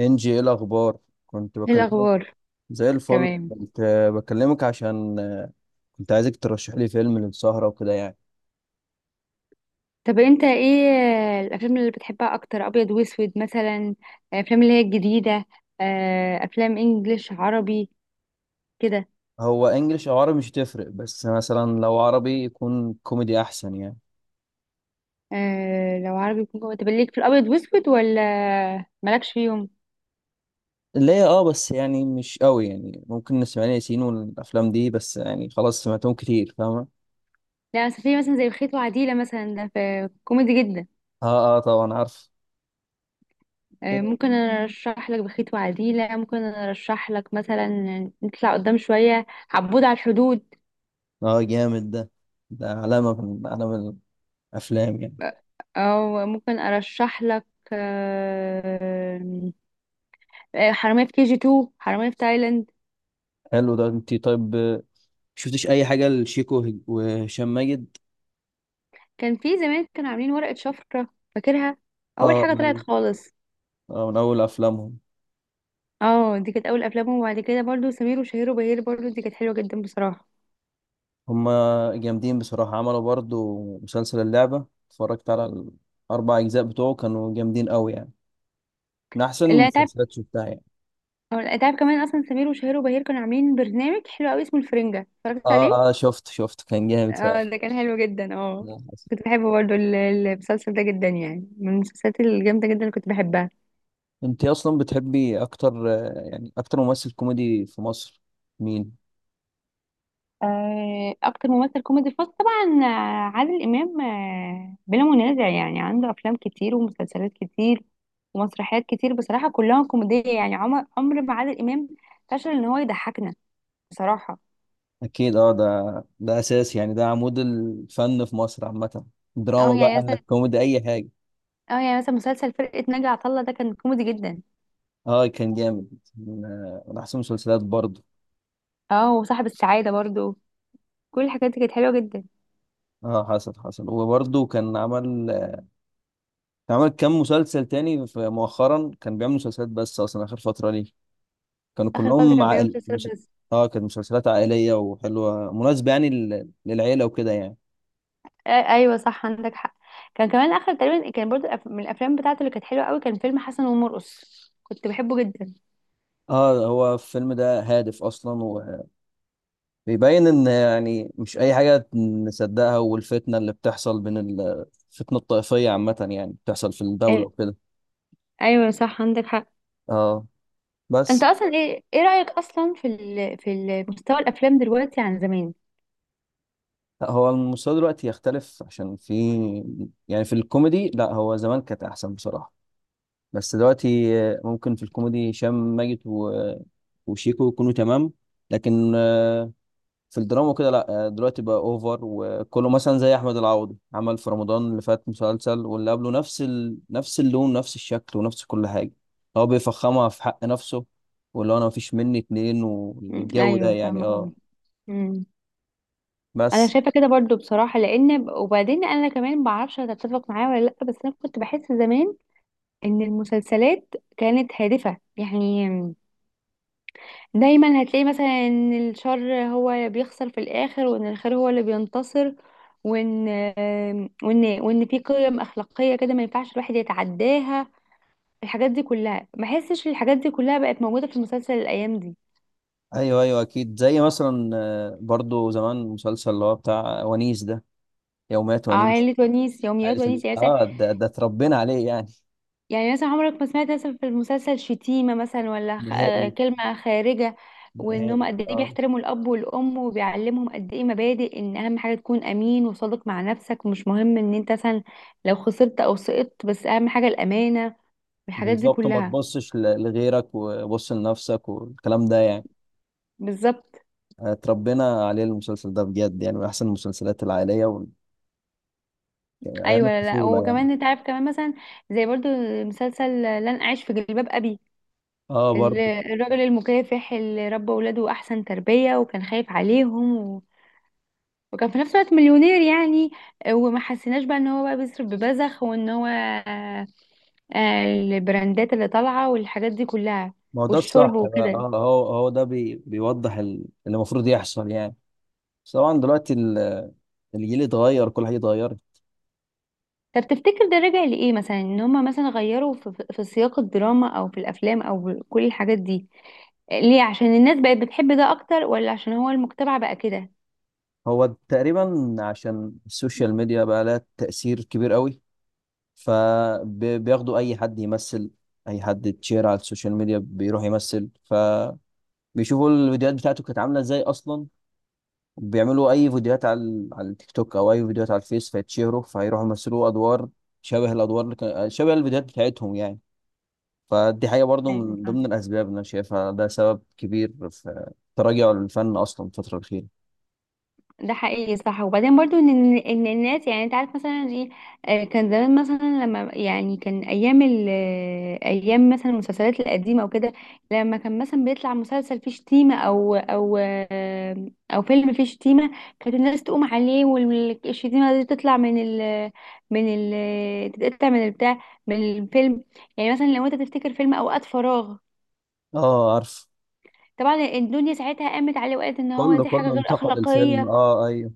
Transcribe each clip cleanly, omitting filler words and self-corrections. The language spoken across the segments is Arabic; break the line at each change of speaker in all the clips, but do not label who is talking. انجي، ايه الاخبار؟ كنت
ايه
بكلمك.
الاخبار.
زي الفل.
تمام.
كنت بكلمك عشان كنت عايزك ترشح لي فيلم للسهرة وكده يعني.
طب انت ايه الافلام اللي بتحبها اكتر، ابيض واسود مثلا؟ افلام اللي هي الجديده. افلام انجليش عربي كده.
هو انجليش او عربي مش تفرق، بس مثلا لو عربي يكون كوميدي احسن يعني.
لو عربي يكون جوه. طب ليك في الابيض واسود ولا مالكش فيهم؟
اللي هي اه، بس يعني مش قوي يعني، ممكن نسمع لي ياسين والافلام دي، بس يعني خلاص سمعتهم كتير، فاهمة.
لا بس في مثلا زي بخيت وعديله، مثلا ده في كوميدي جدا.
اه، اه، طبعا عارف.
ممكن انا ارشح لك بخيت وعديله. ممكن انا ارشح لك مثلا نطلع قدام شويه، عبود على الحدود.
اه، جامد ده علامة من علامة الافلام يعني.
آه، او ممكن ارشح لك آه، حرامية في كي جي 2، حرامية في تايلاند.
حلو ده. انت طيب؟ شفتش اي حاجة لشيكو وهشام ماجد؟
كان في زمان كانوا عاملين ورقة شفرة، فاكرها. أول
اه.
حاجة طلعت خالص.
من أول أفلامهم.
اه، دي كانت أول أفلامهم. وبعد كده برضو سمير وشهير وبهير، برضو دي كانت حلوة جدا بصراحة.
هما جامدين بصراحة، عملوا برضو مسلسل اللعبة، اتفرجت على الأربع أجزاء بتوعه، كانوا جامدين أوي يعني، من أحسن
لا تعب.
المسلسلات شفتها يعني.
لا تعب كمان. أصلا سمير وشهير وبهير كانوا عاملين برنامج حلو أوي اسمه الفرنجة، اتفرجت
آه
عليه.
آه، شفت، كان جامد فعلا.
اه، ده كان حلو جدا اه.
لا، حسن.
كنت بحبه برضو، المسلسل ده جدا يعني، من المسلسلات الجامدة جدا اللي كنت بحبها.
أنت أصلا بتحبي أكتر يعني أكتر ممثل كوميدي في مصر مين؟
اكتر ممثل كوميدي فاز طبعا عادل امام بلا منازع يعني. عنده افلام كتير ومسلسلات كتير ومسرحيات كتير بصراحه، كلها كوميديه. يعني عمر ما عادل امام فشل ان هو يضحكنا بصراحه.
أكيد، أه، ده أساس يعني، ده عمود الفن في مصر عامة، دراما
اه يعني
بقى،
مثلا
كوميدي، أي حاجة.
اه يعني مثلا مسلسل فرقه ناجي عطا الله ده كان كوميدي جدا.
أه كان جامد، من من أحسن المسلسلات برضه.
اه وصاحب السعاده برضو. كل الحاجات دي كانت حلوه جدا.
اه، حصل وبرضه كان عمل، عمل كام مسلسل تاني مؤخرا كان بيعمل مسلسلات بس، اصلا اخر فتره ليه كانوا
اخر فتره
كلهم
كان بيعمل
عائل
مسلسلات
مش...
بس.
اه كانت مسلسلات عائليه وحلوه، مناسبه يعني للعيله وكده يعني.
ايوه صح، عندك حق. كان كمان اخر تقريبا كان برضو، من الافلام بتاعته اللي كانت حلوه قوي، كان فيلم حسن ومرقص. كنت بحبه جدا.
اه، هو الفيلم ده هادف اصلا، وبيبين ان يعني مش اي حاجه نصدقها، والفتنه اللي بتحصل بين الفتنه الطائفيه عامه يعني بتحصل في الدوله وكده.
ايوه صح عندك حق.
اه،
انت
بس.
اصلا ايه ايه رايك اصلا في ال... في مستوى الافلام دلوقتي عن زمان؟
لا، هو المستوى دلوقتي يختلف، عشان في يعني في الكوميدي لا، هو زمان كانت احسن بصراحه، بس دلوقتي ممكن في الكوميدي هشام ماجد وشيكو يكونوا تمام، لكن في الدراما كده لا، دلوقتي بقى اوفر، وكله مثلا زي احمد العوضي، عمل في رمضان اللي فات مسلسل واللي قبله نفس نفس اللون، نفس الشكل، ونفس كل حاجه، هو بيفخمها في حق نفسه، واللي هو انا مفيش مني اتنين والجو ده
ايوه،
يعني،
فاهمه
اه
قوي. مم. انا
بس.
شايفه كده برضو بصراحه، لان وبعدين انا كمان ما اعرفش هتتفق معايا ولا لا. بس انا كنت بحس زمان ان المسلسلات كانت هادفه يعني. دايما هتلاقي مثلا ان الشر هو بيخسر في الاخر، وان الخير هو اللي بينتصر. وان آم، وان وان في قيم اخلاقيه كده ما ينفعش الواحد يتعداها. الحاجات دي كلها ما احسش الحاجات دي كلها بقت موجوده في المسلسل الايام دي.
ايوه، ايوه اكيد، زي مثلا برضو زمان مسلسل اللي هو بتاع ونيس ده، يوميات ونيس،
عائلة ونيس، يوميات
عائلة ونيس.
ونيس يعني مثلا.
اه، ده اتربينا عليه يعني.
يعني مثلا عمرك ما سمعت مثلا في المسلسل شتيمه مثلا، ولا خ... آه،
نهائي،
كلمه خارجه. وان هم
نهائي،
قد ايه
اه.
بيحترموا الاب والام، وبيعلمهم قد ايه مبادئ ان اهم حاجه تكون امين وصادق مع نفسك، ومش مهم ان انت مثلا لو خسرت او سقطت، بس اهم حاجه الامانه، والحاجات دي
بالظبط، ما
كلها.
تبصش لغيرك وبص لنفسك، والكلام ده يعني
بالظبط.
اتربينا عليه المسلسل ده بجد، يعني من احسن المسلسلات العائليه يعني ايام
ايوه، لا، لا،
الطفوله يعني.
وكمان انت عارف كمان مثلا، زي برضو مسلسل لن اعيش في جلباب ابي.
اه، برضه.
الراجل المكافح اللي ربى ولاده احسن تربية، وكان خايف عليهم و... وكان في نفس الوقت مليونير يعني. وما حسيناش بقى ان هو بقى بيصرف ببذخ، وان هو البراندات اللي طالعة والحاجات دي كلها،
ما هو ده
والشرب
الصح بقى،
وكده.
اه، هو ده بيوضح اللي المفروض يحصل يعني. بس طبعا دلوقتي الجيل اتغير، كل حاجه اتغيرت.
طب تفتكر ده راجع لإيه مثلا؟ ان هما مثلا غيروا في سياق الدراما او في الافلام او كل الحاجات دي ليه؟ عشان الناس بقت بتحب ده اكتر، ولا عشان هو المجتمع بقى كده؟
هو تقريبا عشان السوشيال ميديا بقى لها تاثير كبير قوي، فبياخدوا اي حد يمثل، اي حد تشير على السوشيال ميديا بيروح يمثل، فبيشوفوا الفيديوهات بتاعته كانت عامله ازاي اصلا، بيعملوا اي فيديوهات على على التيك توك او اي فيديوهات على الفيس، فيتشهروا فيروحوا يمثلوا ادوار شبه الادوار اللي كان شبه الفيديوهات بتاعتهم يعني. فدي حاجه برضو
أيوة.
من ضمن الاسباب اللي انا شايفها ده سبب كبير في تراجع الفن اصلا الفتره الاخيره.
ده حقيقي صح. وبعدين برضو ان إن الناس، يعني انت عارف مثلا ايه، كان زمان مثلا لما يعني كان ايام ال ايام مثلا المسلسلات القديمه وكده، لما كان مثلا بيطلع مسلسل فيه شتيمه او او فيلم فيه شتيمه، كانت الناس تقوم عليه، والشتيمه دي تطلع من ال تتقطع من البتاع، من الفيلم. يعني مثلا لو انت تفتكر فيلم اوقات فراغ،
اه، عارف.
طبعا الدنيا ساعتها قامت عليه وقالت ان هو
كله
دي حاجه
كله
غير
انتقد الفيلم،
اخلاقيه.
اه ايوه.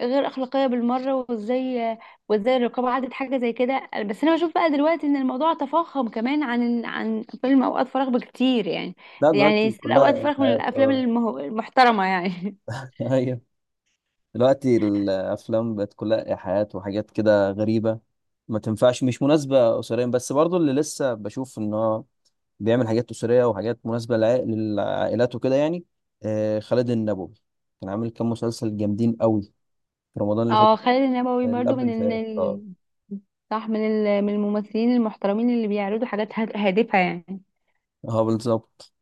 غير اخلاقيه بالمره. وازاي الرقابه عدت حاجه زي كده. بس انا بشوف بقى دلوقتي ان الموضوع تفاقم كمان عن فيلم اوقات فراغ بكتير يعني.
لا،
يعني
دلوقتي
يصير
كلها
اوقات فراغ من
إلحاد،
الافلام
اه.
المحترمه يعني.
ايوه. دلوقتي الافلام بقت كلها ايحاءات وحاجات كده غريبه، ما تنفعش، مش مناسبه اسريا، بس برضو اللي لسه بشوف ان هو بيعمل حاجات اسريه وحاجات مناسبه للعائلات وكده يعني، آه خالد النبوي، كان عامل كام مسلسل جامدين قوي في رمضان اللي فات،
اه، خالد النبوي
اللي
برضو
قبل
من
اللي
ال...
فات، اه.
صح، من ال... من الممثلين المحترمين اللي بيعرضوا حاجات هادفه يعني.
اه بالظبط.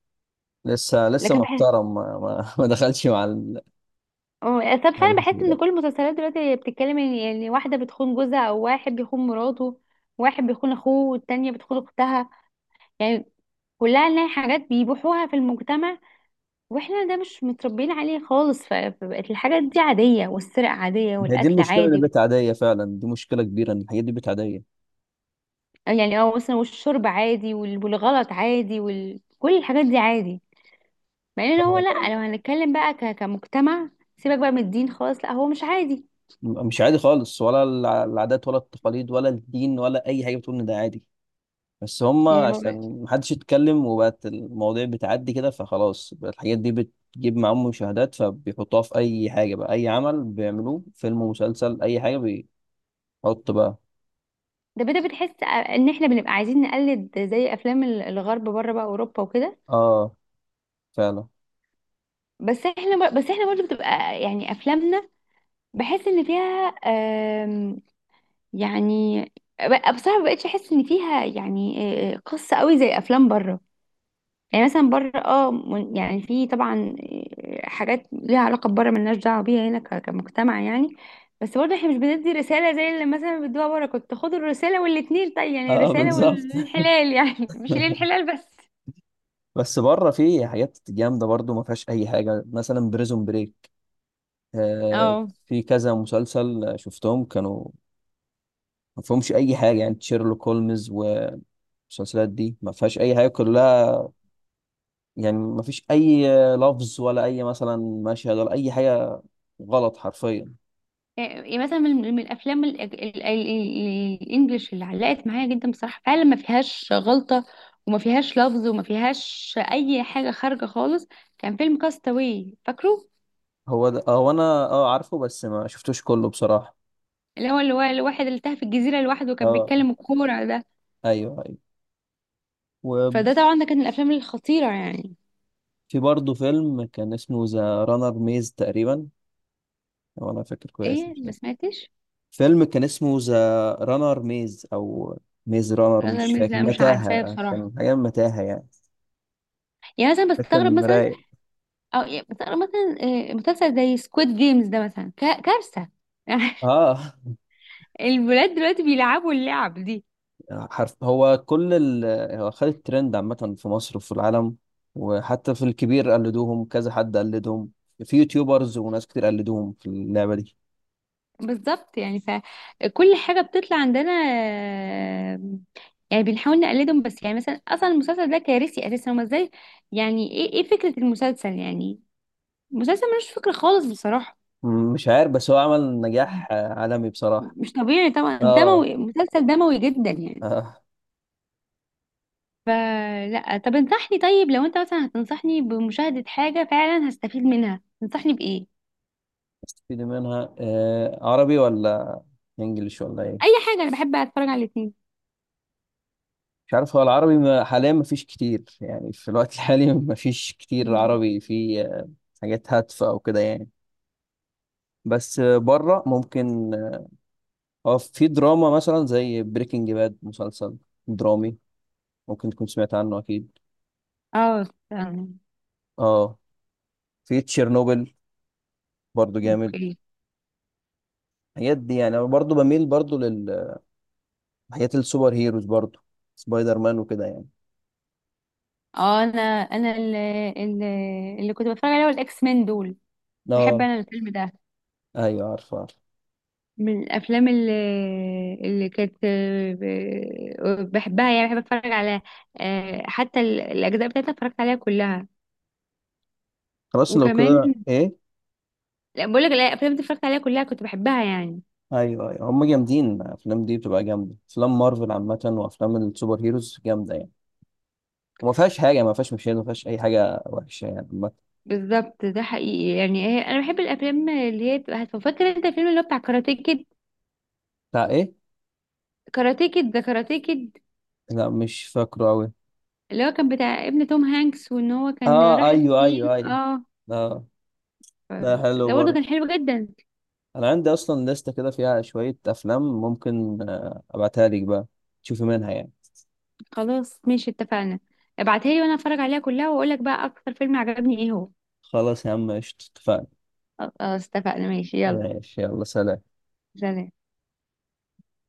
لسه لسه
لكن بحس،
محترم، ما, ما, ما دخلش مع
اه، طب
مع
فعلا
الناس
بحس ان كل
دلوقتي.
المسلسلات دلوقتي بتتكلم ان، يعني، واحده بتخون جوزها، او واحد بيخون مراته، واحد بيخون اخوه، والتانية بتخون اختها يعني. كلها نلاقي حاجات بيبيعوها في المجتمع، واحنا ده مش متربيين عليه خالص. فبقت الحاجات دي عادية، والسرقة عادية،
هي دي
والأكل
المشكله، اللي
عادي
بقت عاديه فعلا، دي مشكله كبيره ان الحاجات دي بقت عاديه.
يعني. اه مثلا، والشرب عادي والغلط عادي، وكل الحاجات دي عادي. مع ان هو لأ، لو هنتكلم بقى كمجتمع، سيبك بقى من الدين خالص، لأ هو مش عادي.
مش عادي خالص، ولا العادات ولا التقاليد ولا الدين ولا اي حاجه بتقول ان ده عادي، بس هم
يعني ما ب-
عشان محدش يتكلم وبقت المواضيع بتعدي كده فخلاص، بقت الحاجات دي بتجيب معاهم مشاهدات، فبيحطوها في اي حاجه بقى، اي عمل بيعملوه فيلم ومسلسل اي حاجه، بيحط بقى.
ده بتحس ان احنا بنبقى عايزين نقلد زي افلام الغرب بره، بقى اوروبا وكده.
اه، فعلا.
بس احنا برضه بتبقى يعني افلامنا، بحس ان فيها يعني. بصراحة ما بقتش احس ان فيها يعني قصة قوي زي افلام بره يعني. مثلا بره اه، يعني في طبعا حاجات ليها علاقة بره، ملناش دعوة بيها هنا كمجتمع يعني. بس برضه احنا مش بندي رسالة زي اللي مثلا بيدوها بره. كنت خدوا الرسالة والاتنين طيب يعني،
اه
الرسالة
بالظبط.
والانحلال يعني مش الانحلال بس.
بس بره في حاجات جامده برضو ما فيهاش اي حاجه، مثلا بريزون بريك، آه،
اه،
في كذا مسلسل شفتهم كانوا ما فيهمش اي حاجه، يعني شيرلوك هولمز، المسلسلات دي ما فيهاش اي حاجه كلها، يعني ما فيش اي لفظ ولا اي مثلا مشهد ولا اي حاجه غلط حرفيا.
إيه مثلا من الافلام الانجليش اللي علقت معايا جدا بصراحه؟ فعلا ما فيهاش غلطه، وما فيهاش لفظ، وما فيهاش اي حاجه خارجه خالص. كان فيلم كاستاوي، فاكره؟
هو ده، هو انا اه عارفه، بس ما شفتوش كله بصراحه.
اللي هو الواحد اللي تاه في الجزيره لوحده، وكان
اه،
بيتكلم الكوره ده.
ايوه ايوه. وفي
فده طبعا ده كان من الافلام الخطيره يعني.
برضه فيلم كان اسمه ذا رانر ميز تقريبا، لو انا فاكر كويس،
ايه؟
مش
ما
فاكر،
سمعتش.
فيلم كان اسمه ذا رانر ميز او ميز رانر،
انا
مش
الميز
فاكر،
لا مش عارفاه
متاهه،
بصراحه.
كان حاجه متاهه يعني.
يعني مثلا
ده
بستغرب
كان
مثلا،
رايق.
او يعني بستغرب مثلا مسلسل زي سكويد جيمز ده مثلا كارثه.
اه.
الولاد دلوقتي بيلعبوا اللعب دي.
حرف، هو كل هو خد الترند عامة في مصر وفي العالم، وحتى في الكبير قلدوهم، كذا حد قلدهم، في يوتيوبرز وناس كتير قلدوهم في اللعبة دي.
بالظبط. يعني فكل حاجة بتطلع عندنا آه، يعني بنحاول نقلدهم. بس يعني مثلا اصلا المسلسل ده كارثي اساسا، هما ازاي؟ يعني ايه ايه فكرة المسلسل يعني؟ المسلسل ملوش فكرة خالص بصراحة.
مش عارف، بس هو عمل نجاح عالمي بصراحة.
مش طبيعي طبعا،
اه.
دموي، مسلسل دموي جدا يعني.
اه،
فلا، طب انصحني طيب، لو انت مثلا هتنصحني بمشاهدة حاجة فعلا هستفيد منها، تنصحني بإيه؟
استفيد منها. آه. عربي ولا انجليش ولا
أي
ايه؟
حاجة، أنا بحب أتفرج على الاتنين.
مش عارف، هو العربي حاليا مفيش كتير يعني، في الوقت الحالي مفيش كتير
مم.
عربي في حاجات هادفة او كده يعني، بس بره ممكن. اه، في دراما مثلا زي بريكنج باد، مسلسل درامي، ممكن تكون سمعت عنه اكيد.
اه فعلا.
اه، في تشيرنوبل برضو جامد.
اوكي.
الحاجات دي يعني انا برضو بميل برضو للحاجات السوبر هيروز برضو، سبايدر مان وكده يعني.
اه، انا اللي كنت بتفرج عليه هو الاكس مان دول. بحب
اه،
انا الفيلم ده،
ايوه عارف عارف.
من الافلام اللي كانت بحبها يعني. بحب اتفرج على حتى الاجزاء بتاعتها اتفرجت عليها كلها.
خلاص، لو
وكمان،
كده ايه؟
لا بقول لك، الافلام اللي اتفرجت عليها كلها كنت بحبها يعني.
ايوه ايوه، هم جامدين الافلام دي، بتبقى جامده افلام مارفل عامه، وافلام السوبر هيروز جامده يعني، وما فيهاش حاجه، ما فيهاش مشاهد، ما فيهاش اي حاجه وحشه يعني عامة.
بالظبط، ده حقيقي يعني. هي انا بحب الافلام اللي هي بتبقى هادفة. فاكر انت الفيلم اللي هو بتاع كاراتيه كيد؟
بتاع ايه؟
كاراتيه كيد، ده كاراتيه كيد
لا، مش فاكره قوي.
اللي هو كان بتاع ابن توم هانكس، وان هو كان
اه
راح
ايوه
الصين.
ايوه ايوه،
اه.
اه.
ف-
ده حلو
ده برضه
برضه.
كان حلو جدا.
انا عندي اصلا لستة كده فيها شوية افلام، ممكن ابعتها لك بقى، تشوفي منها يعني.
خلاص، ماشي، اتفقنا. ابعتها لي وانا اتفرج عليها كلها، واقول لك بقى اكتر فيلم عجبني ايه هو.
خلاص يا عم قشطة، اتفقنا.
خلاص اتفقنا، ماشي، يلا
ماشي، يلا، سلام.
سلام.